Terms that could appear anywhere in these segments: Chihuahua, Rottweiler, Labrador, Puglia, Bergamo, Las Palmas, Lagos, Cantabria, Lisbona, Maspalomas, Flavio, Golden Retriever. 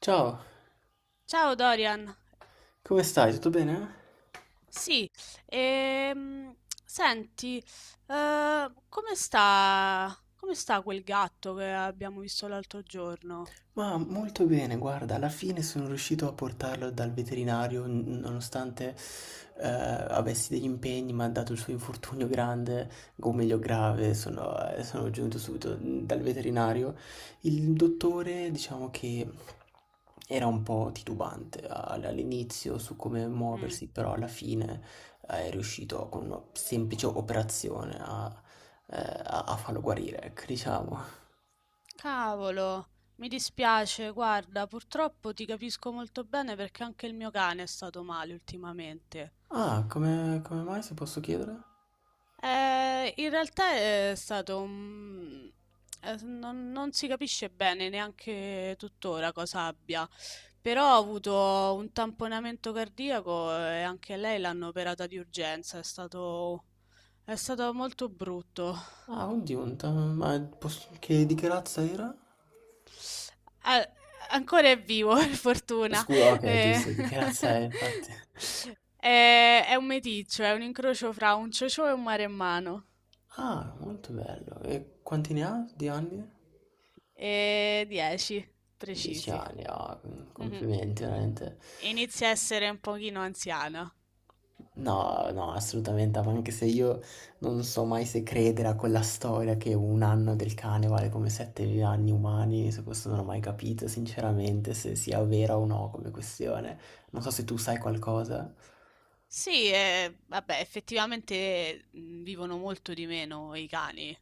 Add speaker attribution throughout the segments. Speaker 1: Ciao,
Speaker 2: Ciao Dorian,
Speaker 1: come stai? Tutto bene?
Speaker 2: sì, ehm, senti, come sta quel gatto che abbiamo visto l'altro giorno?
Speaker 1: Ma molto bene, guarda, alla fine sono riuscito a portarlo dal veterinario, nonostante avessi degli impegni, ma dato il suo infortunio grande, o meglio grave, sono giunto subito dal veterinario. Il dottore, diciamo che era un po' titubante all'inizio su come
Speaker 2: Mm.
Speaker 1: muoversi, però alla fine è riuscito con una semplice operazione eh, a farlo guarire, ecco, diciamo.
Speaker 2: Cavolo, mi dispiace, guarda, purtroppo ti capisco molto bene perché anche il mio cane è stato male ultimamente.
Speaker 1: Ah, come mai, se posso chiedere?
Speaker 2: In realtà è stato un... non si capisce bene neanche tuttora cosa abbia, però ha avuto un tamponamento cardiaco e anche lei l'hanno operata di urgenza, è stato molto brutto.
Speaker 1: Ah, oddio, un ta- ma posso- che, di che razza era?
Speaker 2: Ah, ancora è vivo, per fortuna.
Speaker 1: Scusa, ok,
Speaker 2: Eh,
Speaker 1: giusto, di che razza è, infatti.
Speaker 2: È un meticcio, è un incrocio fra un ciocio e un maremmano.
Speaker 1: Ah, molto bello. E quanti ne ha di anni?
Speaker 2: E 10
Speaker 1: Dieci
Speaker 2: precisi.
Speaker 1: anni, ah, complimenti, veramente.
Speaker 2: Inizia a essere un pochino anziana.
Speaker 1: No, no, assolutamente, ma anche se io non so mai se credere a quella storia che un anno del cane vale come 7 anni umani, su questo non ho mai capito, sinceramente, se sia vera o no come questione. Non so se tu sai qualcosa.
Speaker 2: Sì, vabbè, effettivamente vivono molto di meno i cani.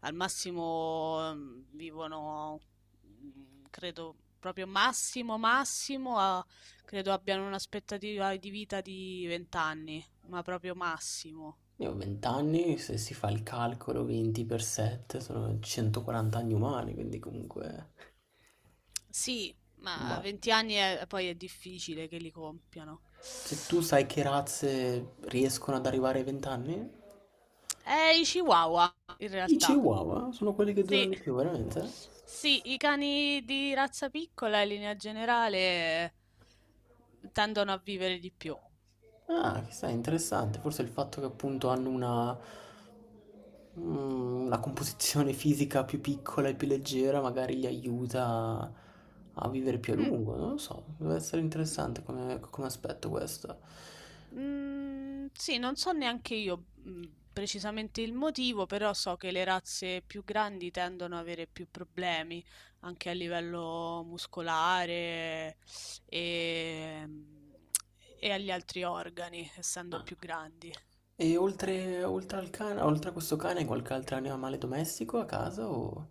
Speaker 2: Al massimo credo, proprio credo abbiano un'aspettativa di vita di 20 anni, ma proprio massimo.
Speaker 1: Io ho 20 anni, se si fa il calcolo 20 per 7 sono 140 anni umani, quindi comunque...
Speaker 2: Sì, ma
Speaker 1: Vai.
Speaker 2: poi è difficile che li compiano.
Speaker 1: Se tu sai che razze riescono ad arrivare ai 20 anni,
Speaker 2: È i Chihuahua, in
Speaker 1: i
Speaker 2: realtà.
Speaker 1: Chihuahua sono quelli che durano
Speaker 2: Sì.
Speaker 1: di più, veramente?
Speaker 2: Sì, i cani di razza piccola in linea generale tendono a vivere di più.
Speaker 1: Ah, chissà, interessante. Forse il fatto che appunto hanno una, una composizione fisica più piccola e più leggera magari li aiuta a vivere più a
Speaker 2: Mm,
Speaker 1: lungo, non lo so. Deve essere interessante come aspetto questo.
Speaker 2: mm, sì, non so neanche io precisamente il motivo, però so che le razze più grandi tendono ad avere più problemi anche a livello muscolare e, e agli altri organi, essendo
Speaker 1: Ah,
Speaker 2: più grandi.
Speaker 1: e oltre al cane, oltre a questo cane, qualche altro animale domestico a casa o...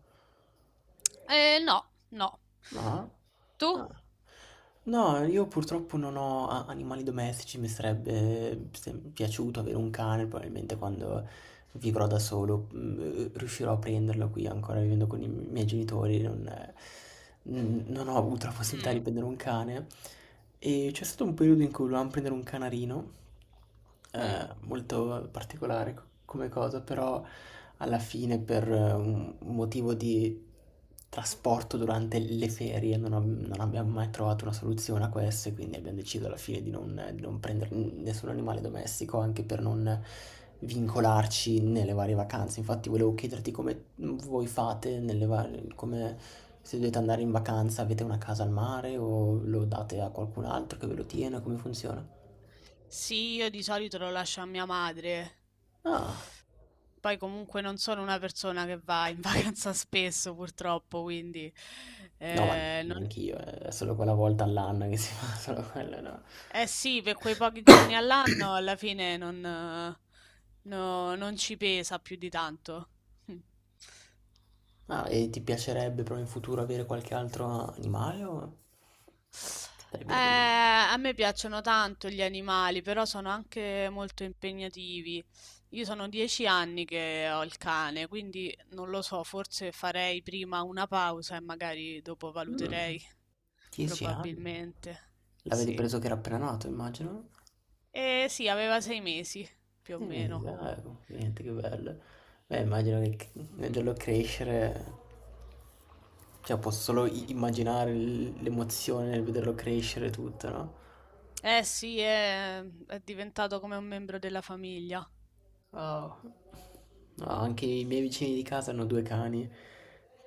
Speaker 2: No, no.
Speaker 1: No?
Speaker 2: Tu?
Speaker 1: No. No, io purtroppo non ho animali domestici, mi sarebbe piaciuto avere un cane, probabilmente quando vivrò da solo riuscirò a prenderlo qui ancora vivendo con i miei genitori, non ho avuto la possibilità di
Speaker 2: Mm.
Speaker 1: prendere un cane. E c'è stato un periodo in cui volevamo prendere un canarino,
Speaker 2: Mh.
Speaker 1: molto particolare come cosa, però alla fine per un motivo di trasporto durante le ferie non abbiamo mai trovato una soluzione a questo e quindi abbiamo deciso alla fine di non prendere nessun animale domestico anche per non
Speaker 2: Mh-mh.
Speaker 1: vincolarci nelle varie vacanze. Infatti volevo chiederti come voi fate nelle varie, come se dovete andare in vacanza, avete una casa al mare o lo date a qualcun altro che ve lo tiene, come funziona?
Speaker 2: Sì, io di solito lo lascio a mia madre.
Speaker 1: Ah,
Speaker 2: Poi comunque non sono una persona che va in vacanza spesso purtroppo, quindi
Speaker 1: no, ma
Speaker 2: eh, non-
Speaker 1: neanche io, è solo quella volta all'anno che si fa solo quello, no.
Speaker 2: eh sì, per quei pochi giorni all'anno alla fine non ci pesa più di tanto.
Speaker 1: Ah, e ti piacerebbe però in futuro avere qualche altro animale o stai bene?
Speaker 2: A me piacciono tanto gli animali, però sono anche molto impegnativi. Io sono dieci anni che ho il cane, quindi non lo so, forse farei prima una pausa e magari dopo
Speaker 1: Mm,
Speaker 2: valuterei,
Speaker 1: 10 anni.
Speaker 2: probabilmente.
Speaker 1: L'avete
Speaker 2: Sì.
Speaker 1: preso che era appena nato, immagino?
Speaker 2: Eh sì, aveva sei mesi, più o
Speaker 1: Mi
Speaker 2: meno.
Speaker 1: sa, complimenti, che bello. Beh, immagino che
Speaker 2: Mm, mm,
Speaker 1: vederlo crescere, cioè posso
Speaker 2: mm,
Speaker 1: solo
Speaker 2: mm.
Speaker 1: immaginare l'emozione nel vederlo crescere tutto, no?
Speaker 2: Eh sì, è diventato come un membro della famiglia.
Speaker 1: Wow. No, anche i miei vicini di casa hanno 2 cani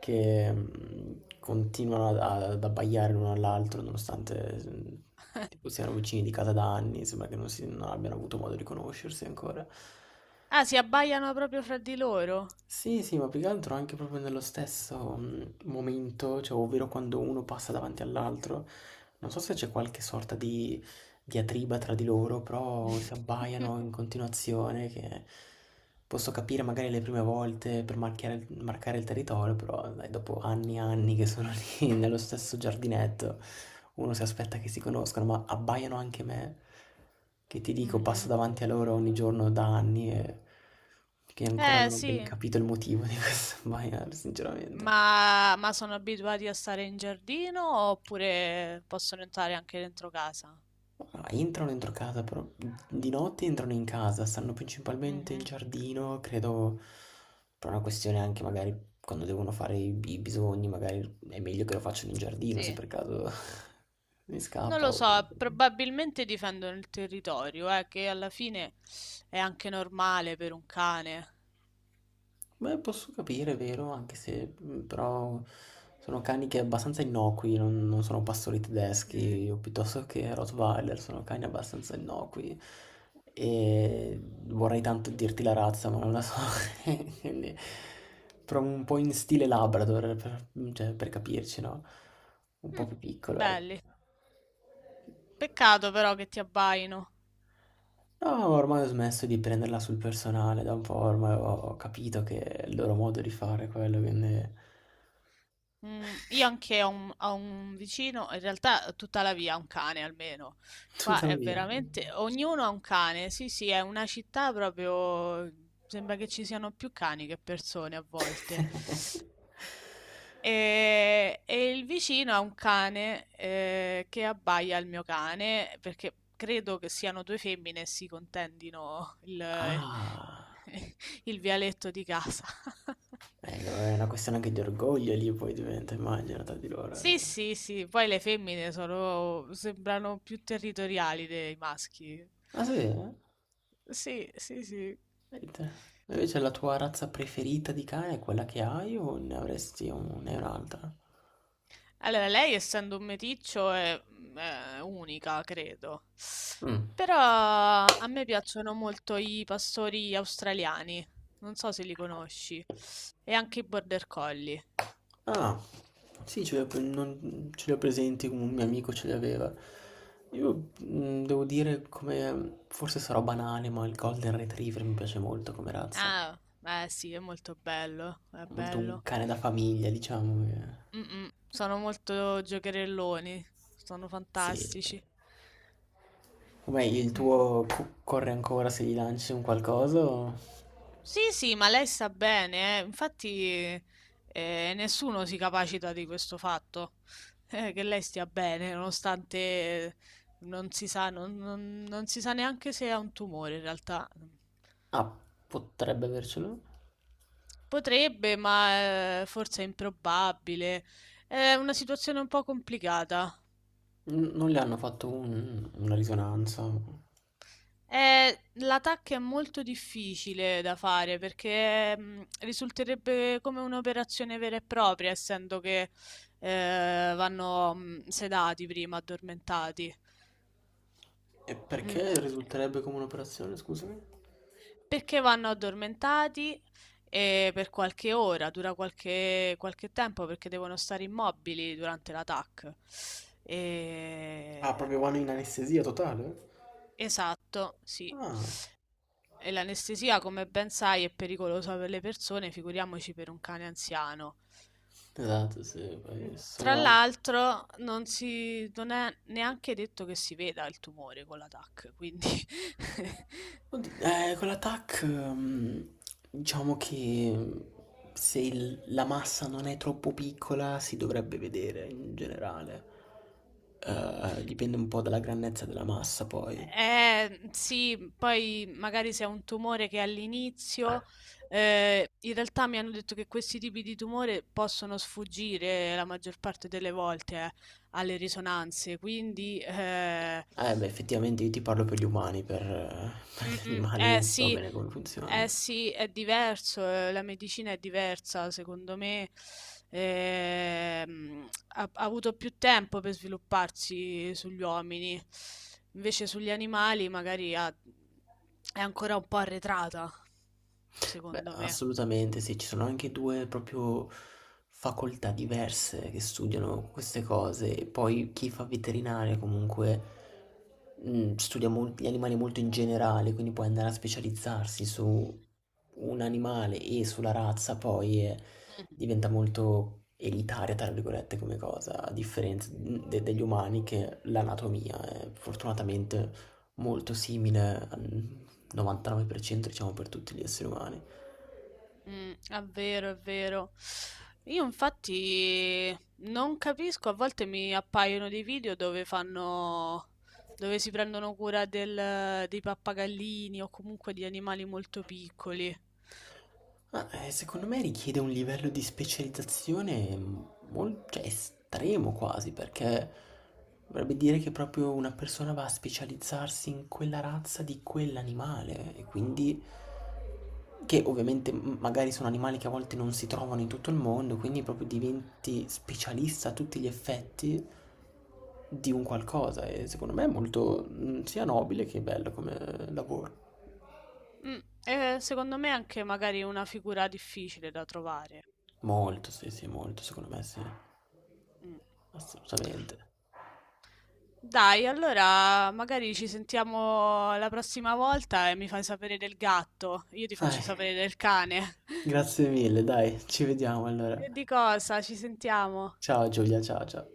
Speaker 1: che continuano ad abbaiare l'uno all'altro nonostante tipo, siano vicini di casa da anni, sembra che non abbiano avuto modo di conoscersi ancora.
Speaker 2: Ah, si abbaiano proprio fra di loro.
Speaker 1: Sì, sì, ma più che altro anche proprio nello stesso momento, cioè, ovvero quando uno passa davanti all'altro, non so se c'è qualche sorta di diatriba tra di loro, però si abbaiano in continuazione, che posso capire magari le prime volte per marcare il territorio, però dai, dopo anni e anni che sono lì nello stesso giardinetto, uno si aspetta che si conoscano, ma abbaiano anche me, che ti dico, passo
Speaker 2: Mhm.
Speaker 1: davanti a loro ogni giorno da anni e che ancora
Speaker 2: Eh
Speaker 1: non ho ben
Speaker 2: sì.
Speaker 1: capito il motivo di questo abbaiare, sinceramente.
Speaker 2: Ma sono abituati a stare in giardino oppure possono entrare anche dentro casa?
Speaker 1: Ma entrano dentro casa, però di notte entrano in casa, stanno principalmente in
Speaker 2: Mhm.
Speaker 1: giardino, credo per una questione anche magari quando devono fare i bisogni, magari è meglio che lo facciano in giardino se
Speaker 2: Sì,
Speaker 1: per caso mi
Speaker 2: non
Speaker 1: scappa
Speaker 2: lo
Speaker 1: o...
Speaker 2: so, probabilmente difendono il territorio, che alla fine è anche normale per un cane.
Speaker 1: Beh, posso capire, è vero, anche se però sono cani che abbastanza innocui, non, non sono pastori
Speaker 2: Mm.
Speaker 1: tedeschi, o piuttosto che Rottweiler, sono cani abbastanza innocui. E vorrei tanto dirti la razza, ma non la so. Quindi, però un po' in stile Labrador, per, cioè, per capirci, no? Un po'
Speaker 2: Mm,
Speaker 1: più piccolo, ecco.
Speaker 2: belli. Peccato però che ti abbaino.
Speaker 1: No, ormai ho smesso di prenderla sul personale, da un po' ormai ho capito che è il loro modo di fare quello, quindi...
Speaker 2: Mm, io anche ho un vicino, in realtà tutta la via ha un cane almeno. Qua è
Speaker 1: Tuttavia.
Speaker 2: veramente, ognuno ha un cane, sì sì, è una città proprio, sembra che ci siano più cani che persone a volte. E il vicino ha un cane che abbaia al mio cane, perché credo che siano due femmine e
Speaker 1: Ah,
Speaker 2: il vialetto di casa.
Speaker 1: è una questione anche di orgoglio lì poi diventa, immagino, tra di loro. Eh.
Speaker 2: Sì, sì, sì, poi sembrano più territoriali dei maschi.
Speaker 1: Ah sì? Eh?
Speaker 2: Sì, sì, sì.
Speaker 1: Vedi te. Invece la tua razza preferita di cane è quella che hai o ne avresti ne hai un'altra?
Speaker 2: Allora, lei essendo un meticcio è unica, credo.
Speaker 1: Mm.
Speaker 2: Però a me piacciono molto i pastori australiani, non so se li conosci, e anche i border collie.
Speaker 1: Ah, sì, ce li ho, ce li ho presenti, un mio amico ce li aveva. Io devo dire come, forse sarò banale, ma il Golden Retriever mi piace molto come razza.
Speaker 2: Ah, beh sì, è molto bello, è
Speaker 1: È molto un
Speaker 2: bello.
Speaker 1: cane da famiglia, diciamo. Che...
Speaker 2: Mm, mm, sono molto giocherelloni, sono
Speaker 1: Sì.
Speaker 2: fantastici.
Speaker 1: Com'è il
Speaker 2: Mm.
Speaker 1: tuo corre ancora se gli lanci un qualcosa? O...
Speaker 2: Sì, sì, ma lei sta bene, eh. Infatti nessuno si capacita di questo fatto, che lei stia bene, nonostante non si sa neanche se ha un tumore in realtà.
Speaker 1: Ah, potrebbe avercelo.
Speaker 2: Potrebbe, ma forse è improbabile. È una situazione un po' complicata.
Speaker 1: Non le hanno fatto una risonanza.
Speaker 2: L'attacco è molto difficile da fare perché risulterebbe come un'operazione vera e propria, essendo che vanno sedati prima, addormentati.
Speaker 1: E
Speaker 2: Mm,
Speaker 1: perché risulterebbe come un'operazione, scusami?
Speaker 2: perché vanno addormentati per qualche ora, dura qualche tempo perché devono stare immobili durante l'attacco.
Speaker 1: Ah,
Speaker 2: Eh,
Speaker 1: proprio vanno in anestesia totale?
Speaker 2: esatto, sì.
Speaker 1: Ah,
Speaker 2: E l'anestesia, come ben sai, è pericolosa per le persone, figuriamoci per un cane anziano.
Speaker 1: esatto, sì,
Speaker 2: Mm,
Speaker 1: poi
Speaker 2: tra
Speaker 1: sono anche...
Speaker 2: l'altro, non è neanche detto che si veda il tumore con la TAC, quindi
Speaker 1: Oddio, con l'attack, diciamo che se la massa non è troppo piccola si dovrebbe vedere in generale. Dipende un po' dalla grandezza della massa poi.
Speaker 2: Sì, poi magari se è un tumore che all'inizio, in realtà mi hanno detto che questi tipi di tumore possono sfuggire la maggior parte delle volte, alle risonanze, quindi
Speaker 1: Eh beh, effettivamente io ti parlo per gli umani, per, per
Speaker 2: mm,
Speaker 1: gli
Speaker 2: mm,
Speaker 1: animali non so bene come funziona.
Speaker 2: eh sì, è diverso, la medicina è diversa, secondo me ha avuto più tempo per svilupparsi sugli uomini, invece sugli animali è ancora un po' arretrata,
Speaker 1: Beh,
Speaker 2: secondo me.
Speaker 1: assolutamente sì, ci sono anche due proprio facoltà diverse che studiano queste cose. E poi chi fa veterinaria comunque studia gli animali molto in generale, quindi puoi andare a specializzarsi su un animale e sulla razza, poi diventa molto elitaria, tra virgolette, come cosa, a differenza degli umani che l'anatomia è fortunatamente molto simile al 99% diciamo per tutti gli esseri umani.
Speaker 2: Mm, è vero, è vero. Io infatti non capisco, a volte mi appaiono dei dove si prendono cura dei pappagallini o comunque di animali molto piccoli.
Speaker 1: Ma, secondo me richiede un livello di specializzazione mol cioè estremo quasi, perché vorrebbe dire che proprio una persona va a specializzarsi in quella razza di quell'animale e quindi che ovviamente m magari sono animali che a volte non si trovano in tutto il mondo, quindi proprio diventi specialista a tutti gli effetti di un qualcosa e secondo me è molto, sia nobile che bello come lavoro.
Speaker 2: Mm, e secondo me è anche magari una figura difficile da trovare.
Speaker 1: Molto, sì, sì, molto, secondo me sì,
Speaker 2: Mm.
Speaker 1: assolutamente.
Speaker 2: Dai, allora magari ci sentiamo la prossima volta e mi fai sapere del gatto, io ti faccio
Speaker 1: Dai,
Speaker 2: sapere del cane.
Speaker 1: grazie mille, dai, ci vediamo allora.
Speaker 2: E di cosa? Ci sentiamo.
Speaker 1: Ciao Giulia, ciao ciao.